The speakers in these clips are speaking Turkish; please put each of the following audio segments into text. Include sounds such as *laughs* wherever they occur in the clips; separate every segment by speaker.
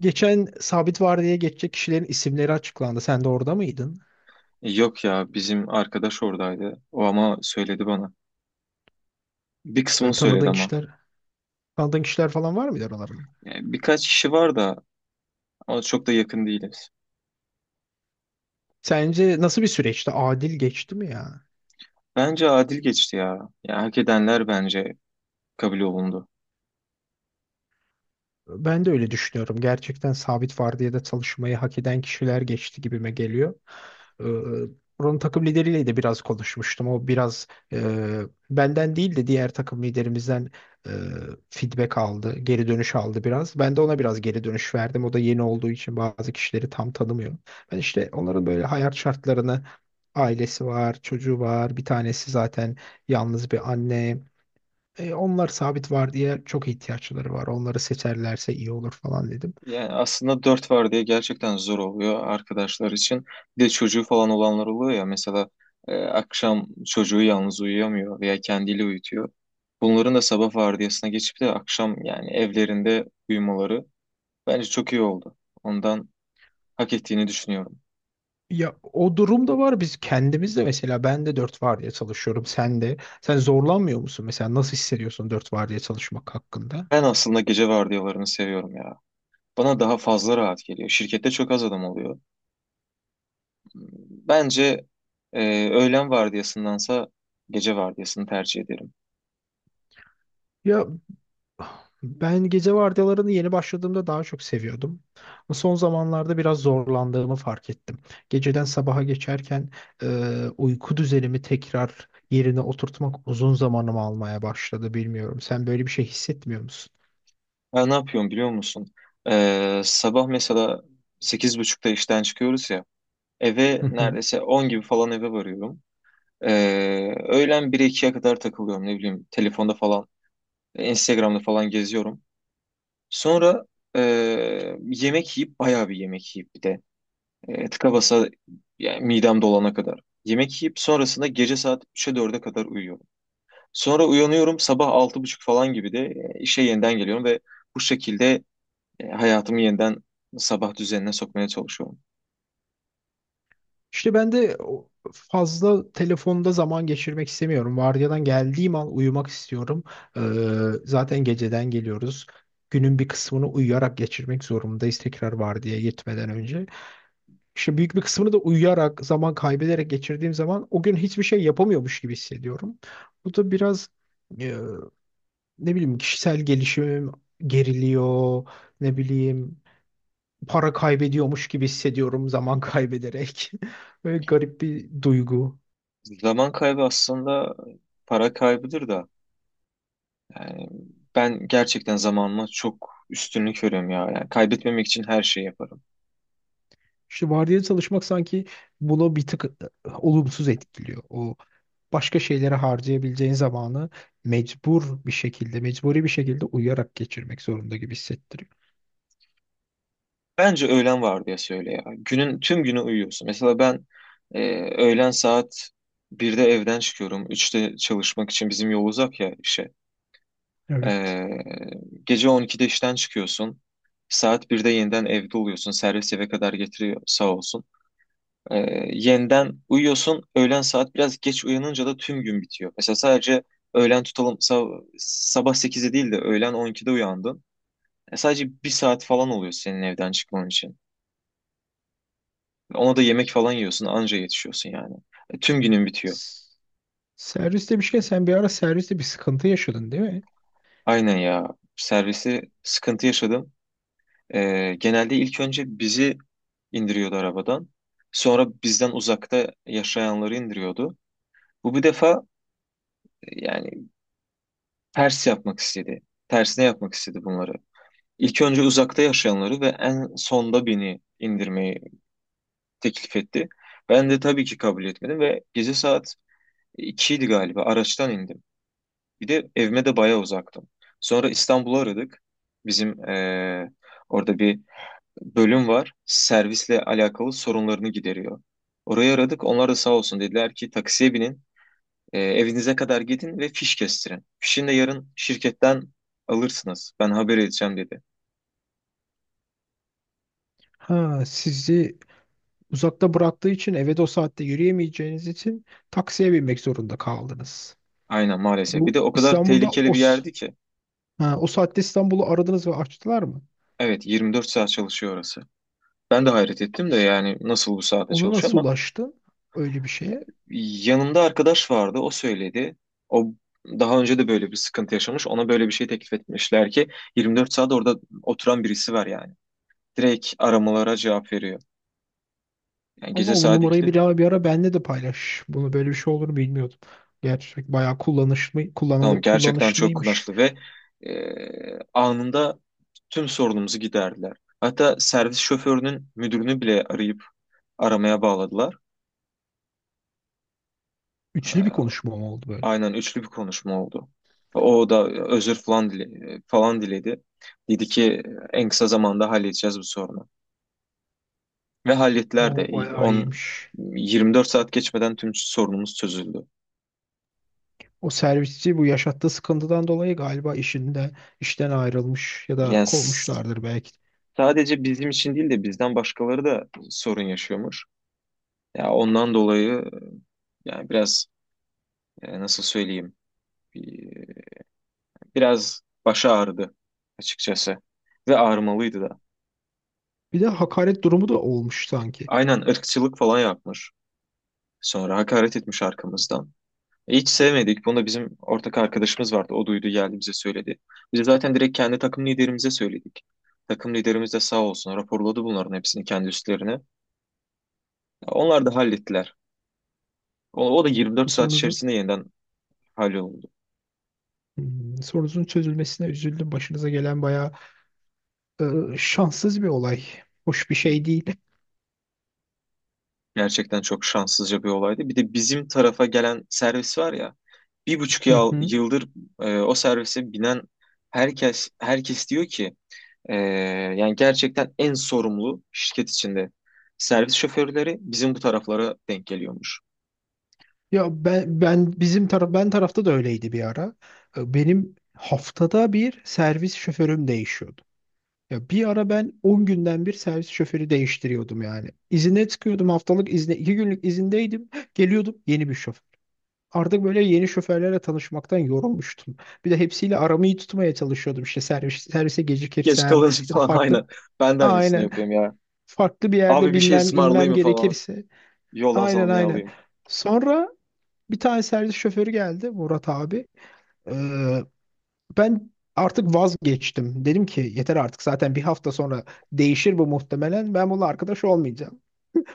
Speaker 1: Geçen sabit vardiyaya geçecek kişilerin isimleri açıklandı. Sen de orada mıydın?
Speaker 2: Yok ya, bizim arkadaş oradaydı. O ama söyledi bana. Bir kısmını
Speaker 1: Ee,
Speaker 2: söyledi
Speaker 1: tanıdığın
Speaker 2: ama.
Speaker 1: kişiler, tanıdığın kişiler falan var mıydı aralarında?
Speaker 2: Yani birkaç kişi var da ama çok da yakın değiliz.
Speaker 1: Sence nasıl bir süreçti? Adil geçti mi ya?
Speaker 2: Bence adil geçti ya. Yani hak edenler bence kabul olundu.
Speaker 1: Ben de öyle düşünüyorum. Gerçekten sabit vardiyada çalışmayı hak eden kişiler geçti gibime geliyor. Ee, buranın takım lideriyle de biraz konuşmuştum. O biraz e, benden değil de diğer takım liderimizden e, feedback aldı, geri dönüş aldı biraz. Ben de ona biraz geri dönüş verdim. O da yeni olduğu için bazı kişileri tam tanımıyor. Ben işte onların böyle hayat şartlarını, ailesi var, çocuğu var, bir tanesi zaten yalnız bir anne. Onlar sabit var diye çok ihtiyaçları var. Onları seçerlerse iyi olur falan dedim.
Speaker 2: Yani aslında dört var diye gerçekten zor oluyor arkadaşlar için. Bir de çocuğu falan olanlar oluyor ya. Mesela akşam çocuğu yalnız uyuyamıyor veya kendiyle uyutuyor. Bunların da sabah vardiyasına geçip de akşam yani evlerinde uyumaları bence çok iyi oldu. Ondan hak ettiğini düşünüyorum.
Speaker 1: Ya o durum da var. Biz kendimiz de mesela ben de dört vardiya çalışıyorum. Sen de. Sen zorlanmıyor musun? Mesela nasıl hissediyorsun dört vardiya çalışmak hakkında?
Speaker 2: Ben aslında gece vardiyalarını seviyorum ya. Bana daha fazla rahat geliyor. Şirkette çok az adam oluyor. Bence öğlen vardiyasındansa gece vardiyasını tercih ederim.
Speaker 1: Ya ben gece vardiyalarını yeni başladığımda daha çok seviyordum. Ama son zamanlarda biraz zorlandığımı fark ettim. Geceden sabaha geçerken uyku düzenimi tekrar yerine oturtmak uzun zamanımı almaya başladı. Bilmiyorum. Sen böyle bir şey hissetmiyor musun?
Speaker 2: Ben ne yapıyorum biliyor musun? Sabah mesela 8.30'da işten çıkıyoruz ya. Eve
Speaker 1: Hı hı.
Speaker 2: neredeyse 10 gibi falan eve varıyorum. E, Öğlen 1 2'ye kadar takılıyorum, ne bileyim. Telefonda falan, Instagram'da falan geziyorum. Sonra e, yemek yiyip bayağı bir yemek yiyip bir de. Tıka basa, yani midem dolana kadar. Yemek yiyip sonrasında gece saat 3'e 4'e kadar uyuyorum. Sonra uyanıyorum sabah 6.30 falan gibi de işe yeniden geliyorum ve bu şekilde hayatımı yeniden sabah düzenine sokmaya çalışıyorum.
Speaker 1: İşte ben de fazla telefonda zaman geçirmek istemiyorum. Vardiyadan geldiğim an uyumak istiyorum. Ee, zaten geceden geliyoruz. Günün bir kısmını uyuyarak geçirmek zorundayız tekrar vardiyaya gitmeden önce. İşte büyük bir kısmını da uyuyarak, zaman kaybederek geçirdiğim zaman o gün hiçbir şey yapamıyormuş gibi hissediyorum. Bu da biraz e, ne bileyim, kişisel gelişimim geriliyor, ne bileyim, para kaybediyormuş gibi hissediyorum zaman kaybederek. *laughs* Böyle garip bir duygu.
Speaker 2: Zaman kaybı aslında para kaybıdır da. Yani ben gerçekten zamanıma çok üstünlük veriyorum ya. Yani kaybetmemek için her şeyi yaparım.
Speaker 1: İşte vardiyalı çalışmak sanki bunu bir tık olumsuz etkiliyor. O başka şeylere harcayabileceğin zamanı mecbur bir şekilde, mecburi bir şekilde uyuyarak geçirmek zorunda gibi hissettiriyor.
Speaker 2: Bence öğlen vardiyası söyle ya. Günün tüm günü uyuyorsun. Mesela ben e, öğlen saat 1'de evden çıkıyorum. 3'te çalışmak için bizim yol uzak ya işe.
Speaker 1: Evet.
Speaker 2: E, Gece 12'de işten çıkıyorsun. Saat 1'de yeniden evde oluyorsun. Servis eve kadar getiriyor, sağ olsun. E, Yeniden uyuyorsun. Öğlen saat biraz geç uyanınca da tüm gün bitiyor. Mesela sadece öğlen tutalım, sabah 8'de değil de öğlen 12'de uyandın. Sadece bir saat falan oluyor senin evden çıkman için. Ona da yemek falan yiyorsun, anca yetişiyorsun yani. Tüm günün bitiyor.
Speaker 1: S- Servis demişken sen bir ara serviste bir sıkıntı yaşadın değil mi?
Speaker 2: Aynen ya. Servisi sıkıntı yaşadım. Genelde ilk önce bizi indiriyordu arabadan. Sonra bizden uzakta yaşayanları indiriyordu. Bu bir defa yani ters yapmak istedi. Tersine yapmak istedi bunları. İlk önce uzakta yaşayanları ve en sonda beni indirmeyi teklif etti. Ben de tabii ki kabul etmedim ve gece saat 2'ydi galiba araçtan indim. Bir de evime de bayağı uzaktım. Sonra İstanbul'u aradık. Bizim orada bir bölüm var. Servisle alakalı sorunlarını gideriyor. Orayı aradık. Onlar da sağ olsun, dediler ki taksiye binin. Evinize kadar gidin ve fiş kestirin. Fişini de yarın şirketten alırsınız. Ben haber edeceğim, dedi.
Speaker 1: Ha, sizi uzakta bıraktığı için eve de o saatte yürüyemeyeceğiniz için taksiye binmek zorunda kaldınız.
Speaker 2: Aynen, maalesef. Bir de
Speaker 1: Bu
Speaker 2: o kadar
Speaker 1: İstanbul'da
Speaker 2: tehlikeli bir yerdi ki.
Speaker 1: ha, o saatte İstanbul'u aradınız ve açtılar mı?
Speaker 2: Evet, 24 saat çalışıyor orası. Ben de hayret ettim de,
Speaker 1: İş-
Speaker 2: yani nasıl bu saate
Speaker 1: Ona
Speaker 2: çalışıyor
Speaker 1: nasıl
Speaker 2: ama.
Speaker 1: ulaştın öyle bir şeye?
Speaker 2: Yanımda arkadaş vardı, o söyledi. O daha önce de böyle bir sıkıntı yaşamış. Ona böyle bir şey teklif etmişler ki 24 saat orada oturan birisi var yani. Direkt aramalara cevap veriyor. Yani
Speaker 1: Allah
Speaker 2: gece
Speaker 1: o
Speaker 2: saat
Speaker 1: numarayı
Speaker 2: ikide
Speaker 1: bir ara benle de paylaş. Bunu böyle bir şey olduğunu bilmiyordum. Gerçek bayağı kullanışlı,
Speaker 2: Tamam,
Speaker 1: kullanılı,
Speaker 2: gerçekten çok
Speaker 1: kullanışlıymış.
Speaker 2: kumaşlı ve anında tüm sorunumuzu giderdiler. Hatta servis şoförünün müdürünü bile arayıp aramaya bağladılar.
Speaker 1: Üçlü bir konuşma mı oldu böyle?
Speaker 2: Aynen, üçlü bir konuşma oldu. O da özür falan diledi. Dedi ki en kısa zamanda halledeceğiz bu sorunu. Ve hallettiler de.
Speaker 1: O bayağı
Speaker 2: 10
Speaker 1: iyiymiş.
Speaker 2: 24 saat geçmeden tüm sorunumuz çözüldü.
Speaker 1: O servisçi bu yaşattığı sıkıntıdan dolayı galiba işten ayrılmış ya da
Speaker 2: Yani
Speaker 1: kovmuşlardır belki.
Speaker 2: sadece bizim için değil de bizden başkaları da sorun yaşıyormuş. Ya ondan dolayı yani biraz, nasıl söyleyeyim, bir- biraz başı ağrıdı açıkçası ve ağrımalıydı da.
Speaker 1: Bir de hakaret durumu da olmuş sanki.
Speaker 2: Aynen, ırkçılık falan yapmış. Sonra hakaret etmiş arkamızdan. Hiç sevmedik. Bunu da bizim ortak arkadaşımız vardı. O duydu, geldi bize söyledi. Biz zaten direkt kendi takım liderimize söyledik. Takım liderimiz de sağ olsun, raporladı bunların hepsini kendi üstlerine. Onlar da hallettiler. O da 24 saat
Speaker 1: Sorunuzun
Speaker 2: içerisinde yeniden halloldu.
Speaker 1: sorunuzun çözülmesine üzüldüm. Başınıza gelen bayağı e, şanssız bir olay. Hoş bir şey değil.
Speaker 2: Gerçekten çok şanssızca bir olaydı. Bir de bizim tarafa gelen servis var ya. 1,5
Speaker 1: Hı hı.
Speaker 2: yıldır o servise binen herkes diyor ki, Ee, yani gerçekten en sorumlu şirket içinde servis şoförleri bizim bu taraflara denk geliyormuş.
Speaker 1: Ya ben tarafta da öyleydi bir ara. Benim haftada bir servis şoförüm değişiyordu. Ya bir ara ben 10 günden bir servis şoförü değiştiriyordum yani. İzine çıkıyordum haftalık izne, 2 günlük izindeydim. *gasps* Geliyordum yeni bir şoför. Artık böyle yeni şoförlerle tanışmaktan yorulmuştum. Bir de hepsiyle aramı iyi tutmaya çalışıyordum. İşte servise
Speaker 2: Geç
Speaker 1: gecikirsem
Speaker 2: kalınca *laughs*
Speaker 1: ya da
Speaker 2: falan,
Speaker 1: farklı
Speaker 2: aynen. Ben de aynısını
Speaker 1: aynen
Speaker 2: yapıyorum ya.
Speaker 1: farklı bir yerde
Speaker 2: Abi bir şey
Speaker 1: binmem inmem
Speaker 2: ısmarlayayım mı falan?
Speaker 1: gerekirse.
Speaker 2: Yoldan
Speaker 1: Aynen,
Speaker 2: sana ne
Speaker 1: aynen.
Speaker 2: alayım?
Speaker 1: Sonra bir tane servis şoförü geldi Murat abi. Ee, ben artık vazgeçtim. Dedim ki yeter artık, zaten bir hafta sonra değişir bu muhtemelen. Ben bununla arkadaş olmayacağım.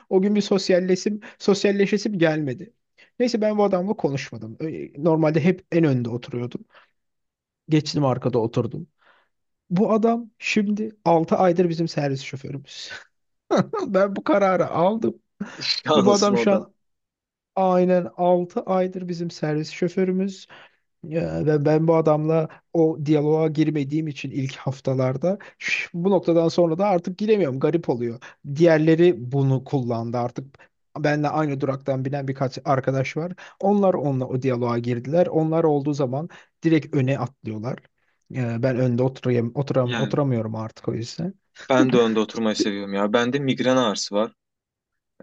Speaker 1: O gün bir sosyalleşesim gelmedi. Neyse, ben bu adamla konuşmadım. Normalde hep en önde oturuyordu. Geçtim arkada oturdum. Bu adam şimdi 6 aydır bizim servis şoförümüz. *laughs* Ben bu kararı aldım.
Speaker 2: *laughs*
Speaker 1: Ve bu
Speaker 2: Anlasın
Speaker 1: adam
Speaker 2: o
Speaker 1: şu
Speaker 2: da.
Speaker 1: an aynen 6 aydır bizim servis şoförümüz. Ya ben bu adamla o diyaloğa girmediğim için ilk haftalarda bu noktadan sonra da artık giremiyorum. Garip oluyor. Diğerleri bunu kullandı artık. Benle aynı duraktan binen birkaç arkadaş var. Onlar onunla o diyaloğa girdiler. Onlar olduğu zaman direkt öne atlıyorlar. Ben önde oturayım, oturam,
Speaker 2: Yani
Speaker 1: oturamıyorum artık o yüzden.
Speaker 2: ben de önde oturmayı seviyorum ya. Bende migren ağrısı var.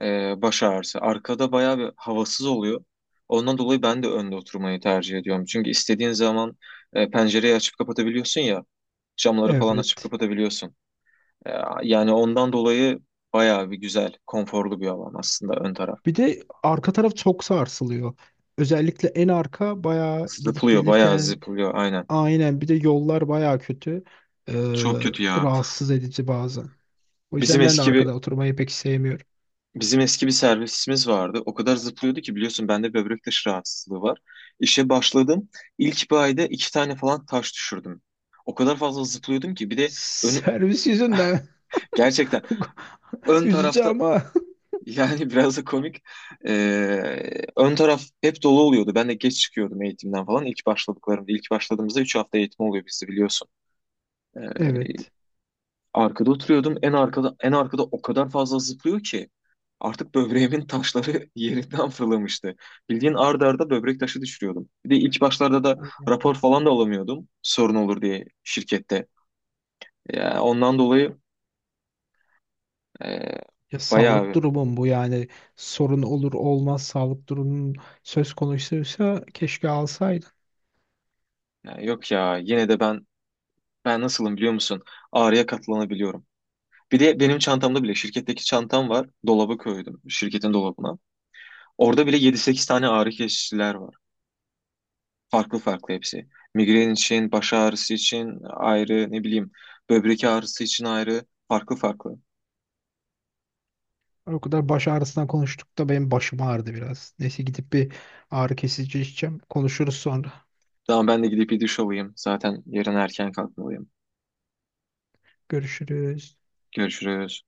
Speaker 2: Baş ağrısı. Arkada bayağı bir havasız oluyor. Ondan dolayı ben de önde oturmayı tercih ediyorum. Çünkü istediğin zaman pencereyi açıp kapatabiliyorsun ya. Camları falan açıp
Speaker 1: Evet.
Speaker 2: kapatabiliyorsun. Ee, Yani ondan dolayı bayağı bir güzel, konforlu bir alan aslında ön taraf.
Speaker 1: Bir de arka taraf çok sarsılıyor. Özellikle en arka bayağı gidip
Speaker 2: Zıplıyor, bayağı
Speaker 1: gelirken
Speaker 2: zıplıyor, aynen.
Speaker 1: aynen, bir de yollar baya kötü. Ee,
Speaker 2: Çok kötü ya.
Speaker 1: rahatsız edici bazen. O
Speaker 2: Bizim
Speaker 1: yüzden ben de
Speaker 2: eski bir
Speaker 1: arkada oturmayı pek sevmiyorum.
Speaker 2: Bizim eski bir servisimiz vardı. O kadar zıplıyordu ki, biliyorsun bende böbrek taşı rahatsızlığı var. İşe başladım. İlk bir ayda iki tane falan taş düşürdüm. O kadar fazla zıplıyordum ki, bir de önü
Speaker 1: Servis yüzünden
Speaker 2: gerçekten
Speaker 1: *laughs*
Speaker 2: ön
Speaker 1: üzücü
Speaker 2: tarafta.
Speaker 1: ama
Speaker 2: Yani, *laughs* biraz da komik. Ön taraf hep dolu oluyordu. Ben de geç çıkıyordum eğitimden falan. İlk başladığımızda 3 hafta eğitim oluyor bizde, biliyorsun. Ee,
Speaker 1: evet.
Speaker 2: Arkada oturuyordum. En arkada o kadar fazla zıplıyor ki artık böbreğimin taşları *laughs* yerinden fırlamıştı. Bildiğin arda arda böbrek taşı düşürüyordum. Bir de ilk başlarda da rapor falan da alamıyordum. Sorun olur diye şirkette. Ya ondan dolayı e,
Speaker 1: Ya sağlık
Speaker 2: bayağı,
Speaker 1: durumum bu yani, sorun olur olmaz sağlık durumun söz konusuysa keşke alsaydın.
Speaker 2: yani yok ya, yine de ben nasılım biliyor musun? Ağrıya katlanabiliyorum. Bir de benim çantamda bile şirketteki çantam var. Dolaba koydum. Şirketin dolabına. Orada bile yedi sekiz tane ağrı kesiciler var. Farklı farklı hepsi. Migren için, baş ağrısı için ayrı, ne bileyim, böbrek ağrısı için ayrı. Farklı farklı.
Speaker 1: O kadar baş ağrısından konuştuk da benim başım ağrıdı biraz. Neyse, gidip bir ağrı kesici içeceğim. Konuşuruz sonra.
Speaker 2: Tamam, ben de gidip bir duş alayım. Zaten yarın erken kalkmalıyım.
Speaker 1: Görüşürüz.
Speaker 2: Görüşürüz.